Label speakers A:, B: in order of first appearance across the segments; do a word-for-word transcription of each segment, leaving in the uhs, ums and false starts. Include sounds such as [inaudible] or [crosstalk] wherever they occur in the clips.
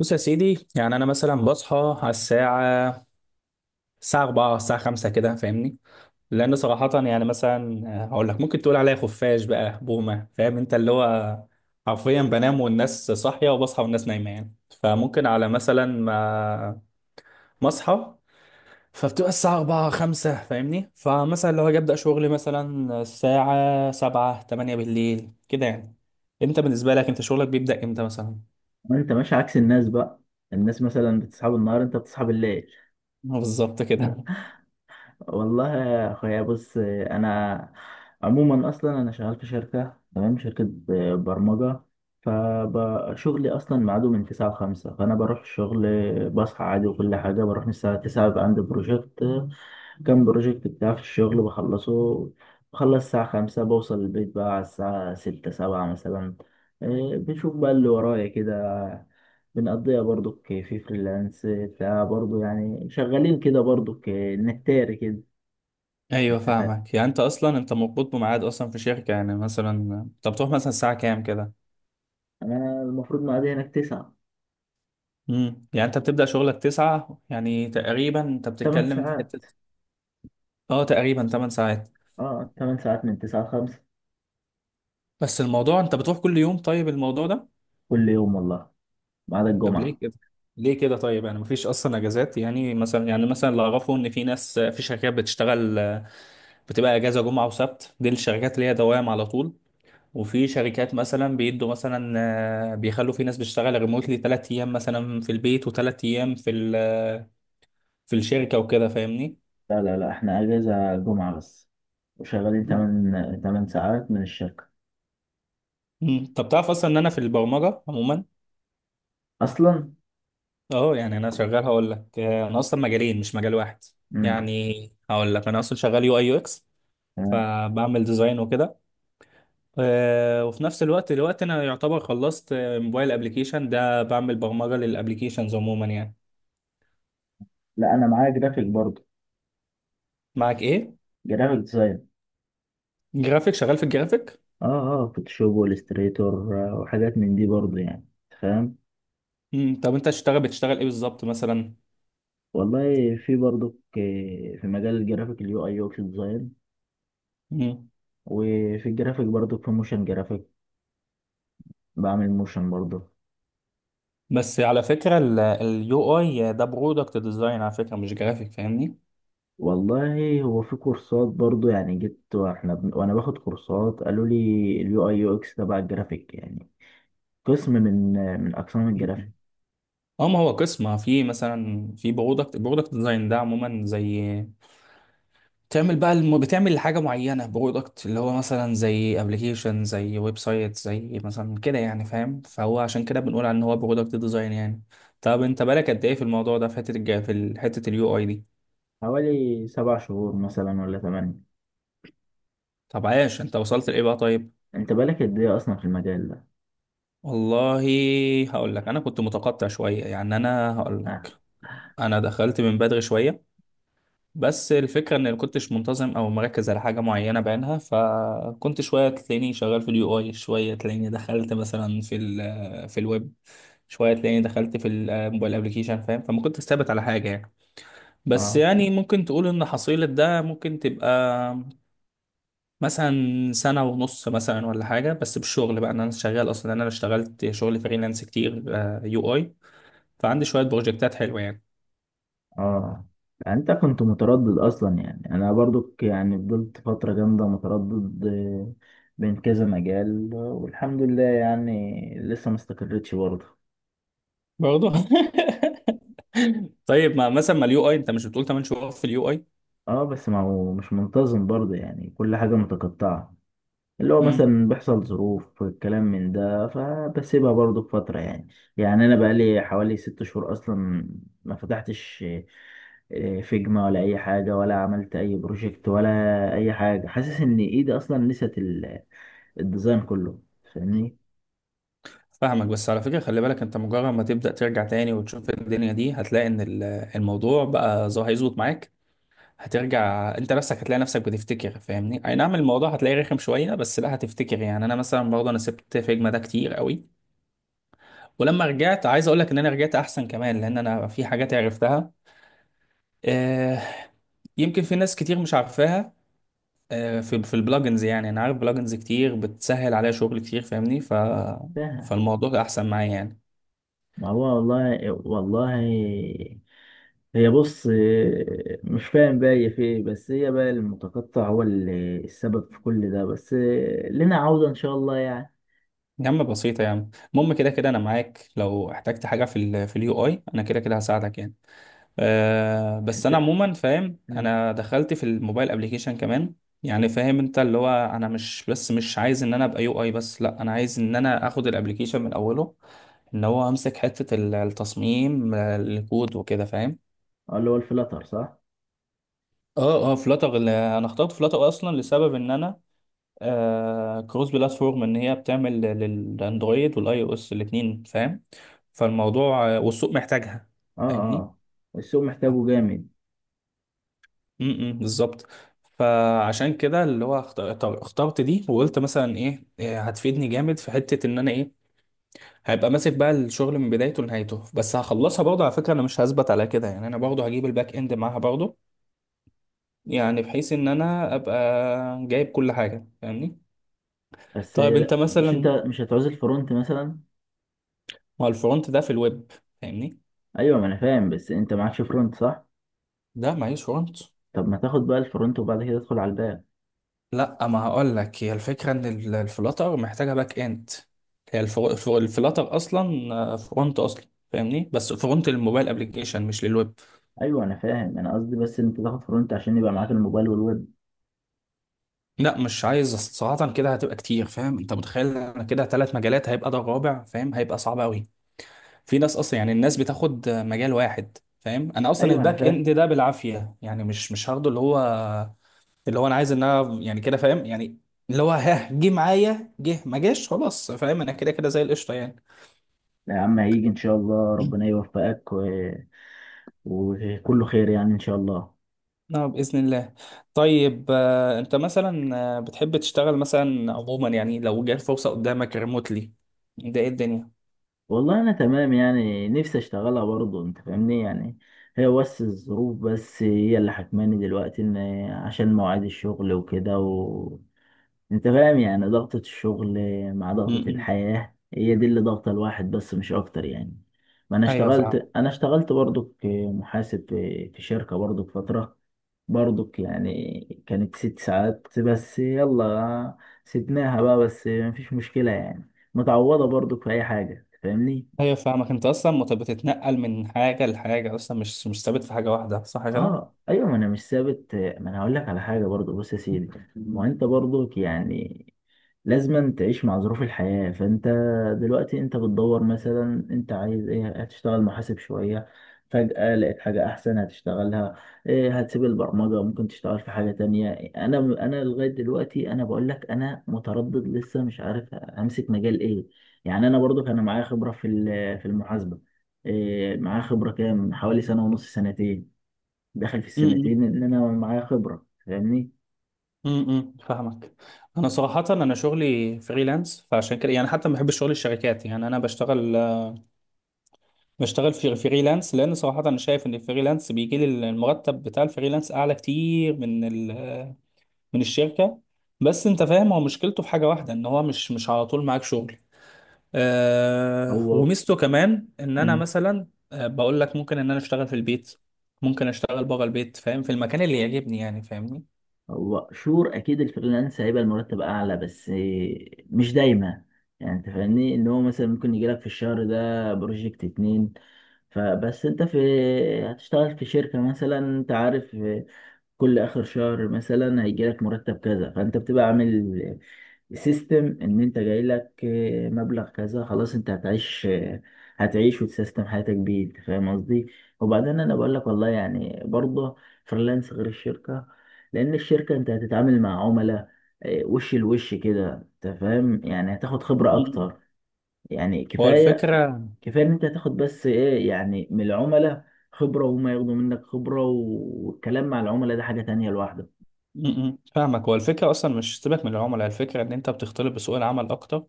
A: بص يا سيدي، يعني انا مثلا بصحى على الساعه الساعه أربعة الساعه خمسة كده، فاهمني؟ لان صراحه يعني مثلا آه، هقول لك ممكن تقول عليا خفاش بقى بومه، فاهم انت اللي هو حرفيا بنام والناس صاحيه وبصحى والناس نايمه يعني. فممكن على مثلا ما ما اصحى فبتبقى الساعه أربعة خمسة فاهمني، فمثلا لو هاجي ابدا شغلي مثلا الساعه سبعة تمانية بالليل كده يعني. انت بالنسبه لك انت شغلك بيبدا امتى مثلا؟
B: انت ماشي عكس الناس بقى. الناس مثلا بتصحى بالنهار، انت بتصحى بالليل.
A: بالظبط كده.
B: والله يا اخويا بص انا عموما اصلا انا شغال في شركه، تمام شركه ب- برمجه. فشغلي اصلا ميعاده من تسعة ل خمسة، فانا بروح الشغل بصحى عادي وكل حاجه. بروح من الساعه تسعة بقى، عندي بروجكت كام بروجكت بتاع في الشغل بخلصه. بخلص الساعه خمسة، بوصل البيت بقى على الساعه ستة السابعة مثلا. إيه، بشوف بقى اللي ورايا كده، بنقضيها برضو في فريلانس بتاع برضو، يعني شغالين كده برضو، نهتاري كده.
A: ايوه
B: انت فاهم.
A: فاهمك، يعني انت اصلا انت مربوط بميعاد اصلا في شركه يعني مثلا. انت بتروح مثلا الساعه كام كده؟
B: انا المفروض مقضي هناك تسعة
A: امم يعني انت بتبدا شغلك تسعة، يعني تقريبا انت
B: تمن
A: بتتكلم في حته.
B: ساعات
A: اه تقريبا ثمانية ساعات.
B: اه تمن ساعات من تسعة لخمسة،
A: بس الموضوع انت بتروح كل يوم؟ طيب الموضوع ده،
B: كل يوم والله، ما عدا
A: طب
B: الجمعة.
A: ليه كده؟ ليه كده طيب، يعني مفيش اصلا اجازات؟ يعني مثلا يعني مثلا اللي اعرفه ان في ناس في شركات بتشتغل بتبقى اجازه جمعه وسبت، دي الشركات اللي هي دوام على طول. وفي شركات مثلا بيدوا مثلا آه، بيخلوا في ناس بتشتغل ريموتلي ثلاث ايام مثلا في البيت وثلاث ايام في ال- آه، في الشركه وكده فاهمني.
B: لا لا لا، احنا اجازة جمعة بس، وشغالين تمن تمن ساعات من الشركة.
A: مم. طب تعرف اصلا ان انا في البرمجه عموما،
B: اصلا.
A: اه يعني انا شغال، هقول لك آه، انا اصلا مجالين مش مجال واحد
B: امم
A: يعني. هقول لك انا اصلا شغال يو اي يو اكس،
B: تمام.
A: فبعمل ديزاين وكده. آه، وفي نفس الوقت دلوقتي انا يعتبر خلصت آه، موبايل ابلكيشن، ده بعمل برمجه للابلكيشنز عموما يعني.
B: لا انا معايا جرافيك برضو،
A: معك ايه؟
B: جرافيك ديزاين.
A: جرافيك، شغال في الجرافيك.
B: اه اه، فوتوشوب والستريتور وحاجات من دي برضو يعني. فاهم.
A: مم. طب انت تشتغل بتشتغل ايه بالظبط مثلا؟
B: والله في برضك آه، في مجال الجرافيك، اليو اي يو اكس ديزاين،
A: مم.
B: وفي الجرافيك برضك في موشن جرافيك، بعمل موشن برضه.
A: بس على فكرة اليو اي ده برودكت ديزاين على فكرة، مش جرافيك فاهمني.
B: والله هو في كورسات برضه، يعني جيت واحنا بن... وانا باخد كورسات قالوا لي اليو اي يو اكس تبع الجرافيك، يعني قسم من آه، من اقسام
A: مم.
B: الجرافيك.
A: اه، ما هو قسم في مثلا في برودكت برودكت ديزاين ده عموما. زي بتعمل بقى الم... بتعمل حاجة معينة، برودكت اللي هو مثلا زي ابلكيشن زي ويب سايت زي مثلا كده يعني، فاهم؟ فهو عشان كده بنقول على ان هو برودكت ديزاين يعني. طب انت بالك قد ايه في الموضوع ده، في حتة الج... في حتة اليو اي دي؟
B: حوالي سبع شهور مثلا ولا ثمانية.
A: طب عايش، انت وصلت لايه بقى طيب؟
B: انت بالك قد ايه اصلا في المجال ده؟
A: والله، هقول لك انا كنت متقطع شويه يعني، انا هقول لك انا دخلت من بدري شويه. بس الفكره ان كنتش منتظم او مركز على حاجه معينه بعينها، فكنت شويه تلاقيني شغال في اليو اي، شويه تلاقيني دخلت مثلا في ال في الويب، شويه تلاقيني دخلت في الموبايل ابلكيشن، فاهم؟ فما كنتش ثابت على حاجه يعني. بس
B: اه
A: يعني ممكن تقول ان حصيله ده ممكن تبقى مثلا سنة ونص مثلا ولا حاجة. بس بالشغل بقى، إن أنا شغال أصلا أنا اشتغلت شغل فريلانس كتير يو أي، فعندي شوية بروجكتات حلوة يعني.
B: اه، يعني انت كنت متردد اصلا، يعني انا برضو يعني فضلت فترة جامدة متردد، آه، بين كذا مجال، والحمد لله يعني لسه ما استقرتش برضه.
A: برضه [laughs] طيب ما مثلا ما اليو اي انت مش بتقول تمن شهور في اليو اي؟
B: اه، بس ما هو مش منتظم برضه، يعني كل حاجة متقطعة. اللي هو
A: امم
B: مثلا بيحصل ظروف الكلام من ده فبسيبها برضو بفترة يعني. يعني أنا بقالي حوالي ست شهور أصلا ما فتحتش آه، فيجما ولا أي حاجة، ولا عملت أي بروجكت ولا أي حاجة. حاسس إن إيدي أصلا نسيت ال- الديزاين كله. فاهمني؟
A: فاهمك. بس على فكرة خلي بالك، انت مجرد ما تبدأ ترجع تاني وتشوف الدنيا دي، هتلاقي ان ال- الموضوع بقى ظا- هيظبط معاك. هترجع انت نفسك، هتلاقي نفسك بتفتكر فاهمني، اي نعم الموضوع هتلاقيه رخم شوية بس لا هتفتكر. يعني انا مثلا برضه انا سبت فيجما ده كتير قوي، ولما رجعت عايز اقول لك ان انا رجعت احسن كمان، لان انا في حاجات عرفتها. آه، يمكن في ناس كتير مش عارفاها. آه، في في البلجنز يعني، انا عارف بلجنز كتير بتسهل عليا شغل كتير فاهمني. ف
B: ف-
A: فالموضوع احسن معايا يعني.
B: ما هو والله والله، هي بص، آه، مش فاهم بقى هي في ايه، بس هي بقى المتقطع هو اللي السبب في كل ده، بس آه، لنا عودة إن شاء الله يعني.
A: يا عم بسيطة يا عم، المهم كده كده انا معاك، لو احتجت حاجة في ال في اليو اي انا كده كده هساعدك يعني. أه بس انا عموما فاهم،
B: انت
A: انا دخلت في الموبايل ابليكيشن كمان يعني، فاهم انت اللي هو انا مش بس مش عايز ان انا ابقى يو اي بس، لا انا عايز ان انا اخد الابليكيشن من اوله، ان هو امسك حتة ال- التصميم آه، الكود وكده فاهم.
B: اه اللي هو الفلاتر صح؟
A: اه اه، فلاتر. انا اخترت فلاتر اصلا لسبب ان انا آه كروس بلاتفورم، ان هي بتعمل للاندرويد والاي او اس الاثنين فاهم. فالموضوع آه، والسوق محتاجها
B: اه
A: فاهمني.
B: اه، السوق محتاجه جامد.
A: امم بالظبط. فعشان كده اللي هو اختار- اختار- اخترت دي، وقلت مثلا ايه إيه هتفيدني جامد في حته ان انا ايه، هيبقى ماسك بقى الشغل من بدايته لنهايته. بس هخلصها برضه، على فكره انا مش هثبت على كده، يعني انا برضه هجيب الباك اند معاها برضه، يعني بحيث ان انا ابقى جايب كل حاجه فاهمني.
B: بس
A: طيب انت
B: لا، مش انت
A: مثلا،
B: مش هتعوز الفرونت مثلا؟
A: ما هو الفرونت ده في الويب فاهمني.
B: ايوه ما انا فاهم، بس انت معكش فرونت صح؟
A: ده معيش فرونت.
B: طب ما تاخد بقى الفرونت وبعد كده تدخل على الباك.
A: لا ما هقول لك، هي الفكره ان ال- الفلاتر محتاجه باك اند. هي الفر- الفر- الفلاتر اصلا آه، فرونت اصلا فاهمني، بس فرونت للموبايل ابلكيشن مش للويب.
B: ايوه انا فاهم، انا قصدي بس انت تاخد فرونت عشان يبقى معاك الموبايل والويب.
A: لا مش عايز صراحه، كده هتبقى كتير فاهم، انت متخيل انا كده ثلاث مجالات هيبقى ده الرابع؟ فاهم هيبقى صعب قوي. في ناس اصلا يعني الناس بتاخد آه، مجال واحد فاهم، انا اصلا
B: ايوه انا
A: الباك
B: فاهم.
A: اند ده بالعافيه يعني مش مش هاخده. اللي هو اللي هو انا عايز انها يعني كده فاهم يعني، اللي هو ها جه معايا جه، ما جاش خلاص فاهم، انا كده كده زي القشطه يعني.
B: لا يا عم، هيجي ان شاء الله، ربنا يوفقك و... وكله خير يعني ان شاء الله.
A: نعم بإذن الله. طيب آه، أنت مثلا آه، بتحب تشتغل مثلا عموما يعني لو جات فرصة قدامك ريموتلي، ده إيه الدنيا؟
B: والله انا تمام يعني، نفسي اشتغلها برضه انت فاهمني يعني. هي بس الظروف بس هي اللي حكماني دلوقتي، ان عشان مواعيد الشغل وكده و... انت فاهم يعني ضغطة الشغل مع ضغطة
A: م-م.
B: الحياة، هي دي اللي ضغطة الواحد بس مش اكتر يعني. ما انا
A: أيوه
B: اشتغلت
A: فاهمك،
B: انا اشتغلت برضه كمحاسب في في شركة برضه فترة، برضه يعني كانت ست ساعات بس، يلا سيبناها بقى، بس مفيش مشكلة يعني، متعوضة برضه في اي حاجة فاهمني.
A: أيوه فاهمك، أنت أصلا مت- بتتنقل من حاجة لحاجة أصلا، مش مش ثابت في حاجة واحدة، صح كده؟
B: اه ايوه، ما انا مش ثابت، ما انا هقول لك على حاجه برضو. بص يا سيدي، ما انت برضو يعني لازم تعيش مع ظروف الحياه. فانت دلوقتي انت بتدور مثلا، انت عايز ايه، هتشتغل محاسب شويه فجاه لقيت حاجه احسن هتشتغلها، إيه هتسيب البرمجه ممكن تشتغل في حاجه تانية. انا انا لغايه دلوقتي انا بقول لك انا متردد لسه مش عارف امسك مجال ايه. يعني انا برضو كان معايا خبره في ال- في المحاسبه، إيه معايا خبره كام، حوالي سنه ونص سنتين، داخل في
A: م-م.
B: السنتين ان انا معايا خبره فاهمني.
A: م-م. فاهمك. أنا صراحة أنا شغلي فريلانس، فعشان كده يعني حتى ما بحبش شغل الشركات يعني، أنا بشتغل بشتغل في فريلانس، لان صراحه انا شايف ان الفريلانس بيجي لي المرتب بتاع الفريلانس اعلى كتير من ال- من الشركه. بس انت فاهم، هو مشكلته في حاجه واحده ان هو مش مش على طول معاك شغل. آه
B: هو.
A: وميزته كمان ان انا
B: مم.
A: مثلا آه بقول لك، ممكن ان انا اشتغل في البيت ممكن اشتغل بره البيت فاهم، في المكان اللي يعجبني يعني فاهمني.
B: هو شور اكيد الفريلانس هيبقى المرتب اعلى، بس مش دايما. يعني انت فاهمني ان هو مثلا ممكن يجيلك في الشهر ده بروجكت اتنين، فبس انت في هتشتغل في شركه مثلا، انت عارف كل اخر شهر مثلا هيجيلك مرتب كذا، فانت بتبقى عامل سيستم ان انت جاي لك آه، مبلغ كذا، خلاص انت هتعيش آه، هتعيش وتسيستم حياتك بيه، انت فاهم قصدي. وبعدين انا بقول لك والله يعني برضه فريلانس غير الشركه، لان الشركه انت هتتعامل مع عملاء، آه، وش لوش كده، انت فاهم يعني هتاخد خبره
A: م-
B: اكتر، يعني
A: هو
B: كفايه.
A: الفكره.
B: كفايه ان انت هتاخد بس ايه يعني من العملاء خبره، وهما ياخدوا منك خبره، والكلام مع العملاء ده حاجه تانية لوحده.
A: م- م. فاهمك. هو الفكره اصلا مش سيبك من العملاء، الفكره ان انت بتختلط بسوق العمل اكتر،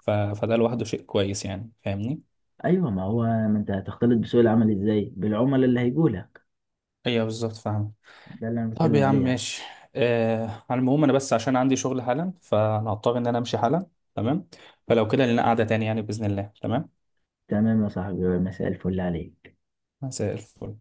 A: ف... فده لوحده شيء كويس يعني فاهمني.
B: ايوه ما هو، ما انت هتختلط بسوق العمل ازاي بالعملاء اللي هيجوا لك.
A: ايوه بالظبط فاهم.
B: ده اللي انا
A: طب
B: بتكلم
A: يا عم
B: عليه يعني.
A: ماشي، آه على المهم انا بس عشان عندي شغل حالا، فانا هضطر ان انا امشي حالا، تمام؟ فلو كده لنا قعدة تاني يعني بإذن الله، تمام.
B: تمام يا صاحبي، مساء الفل عليك.
A: مساء الفل.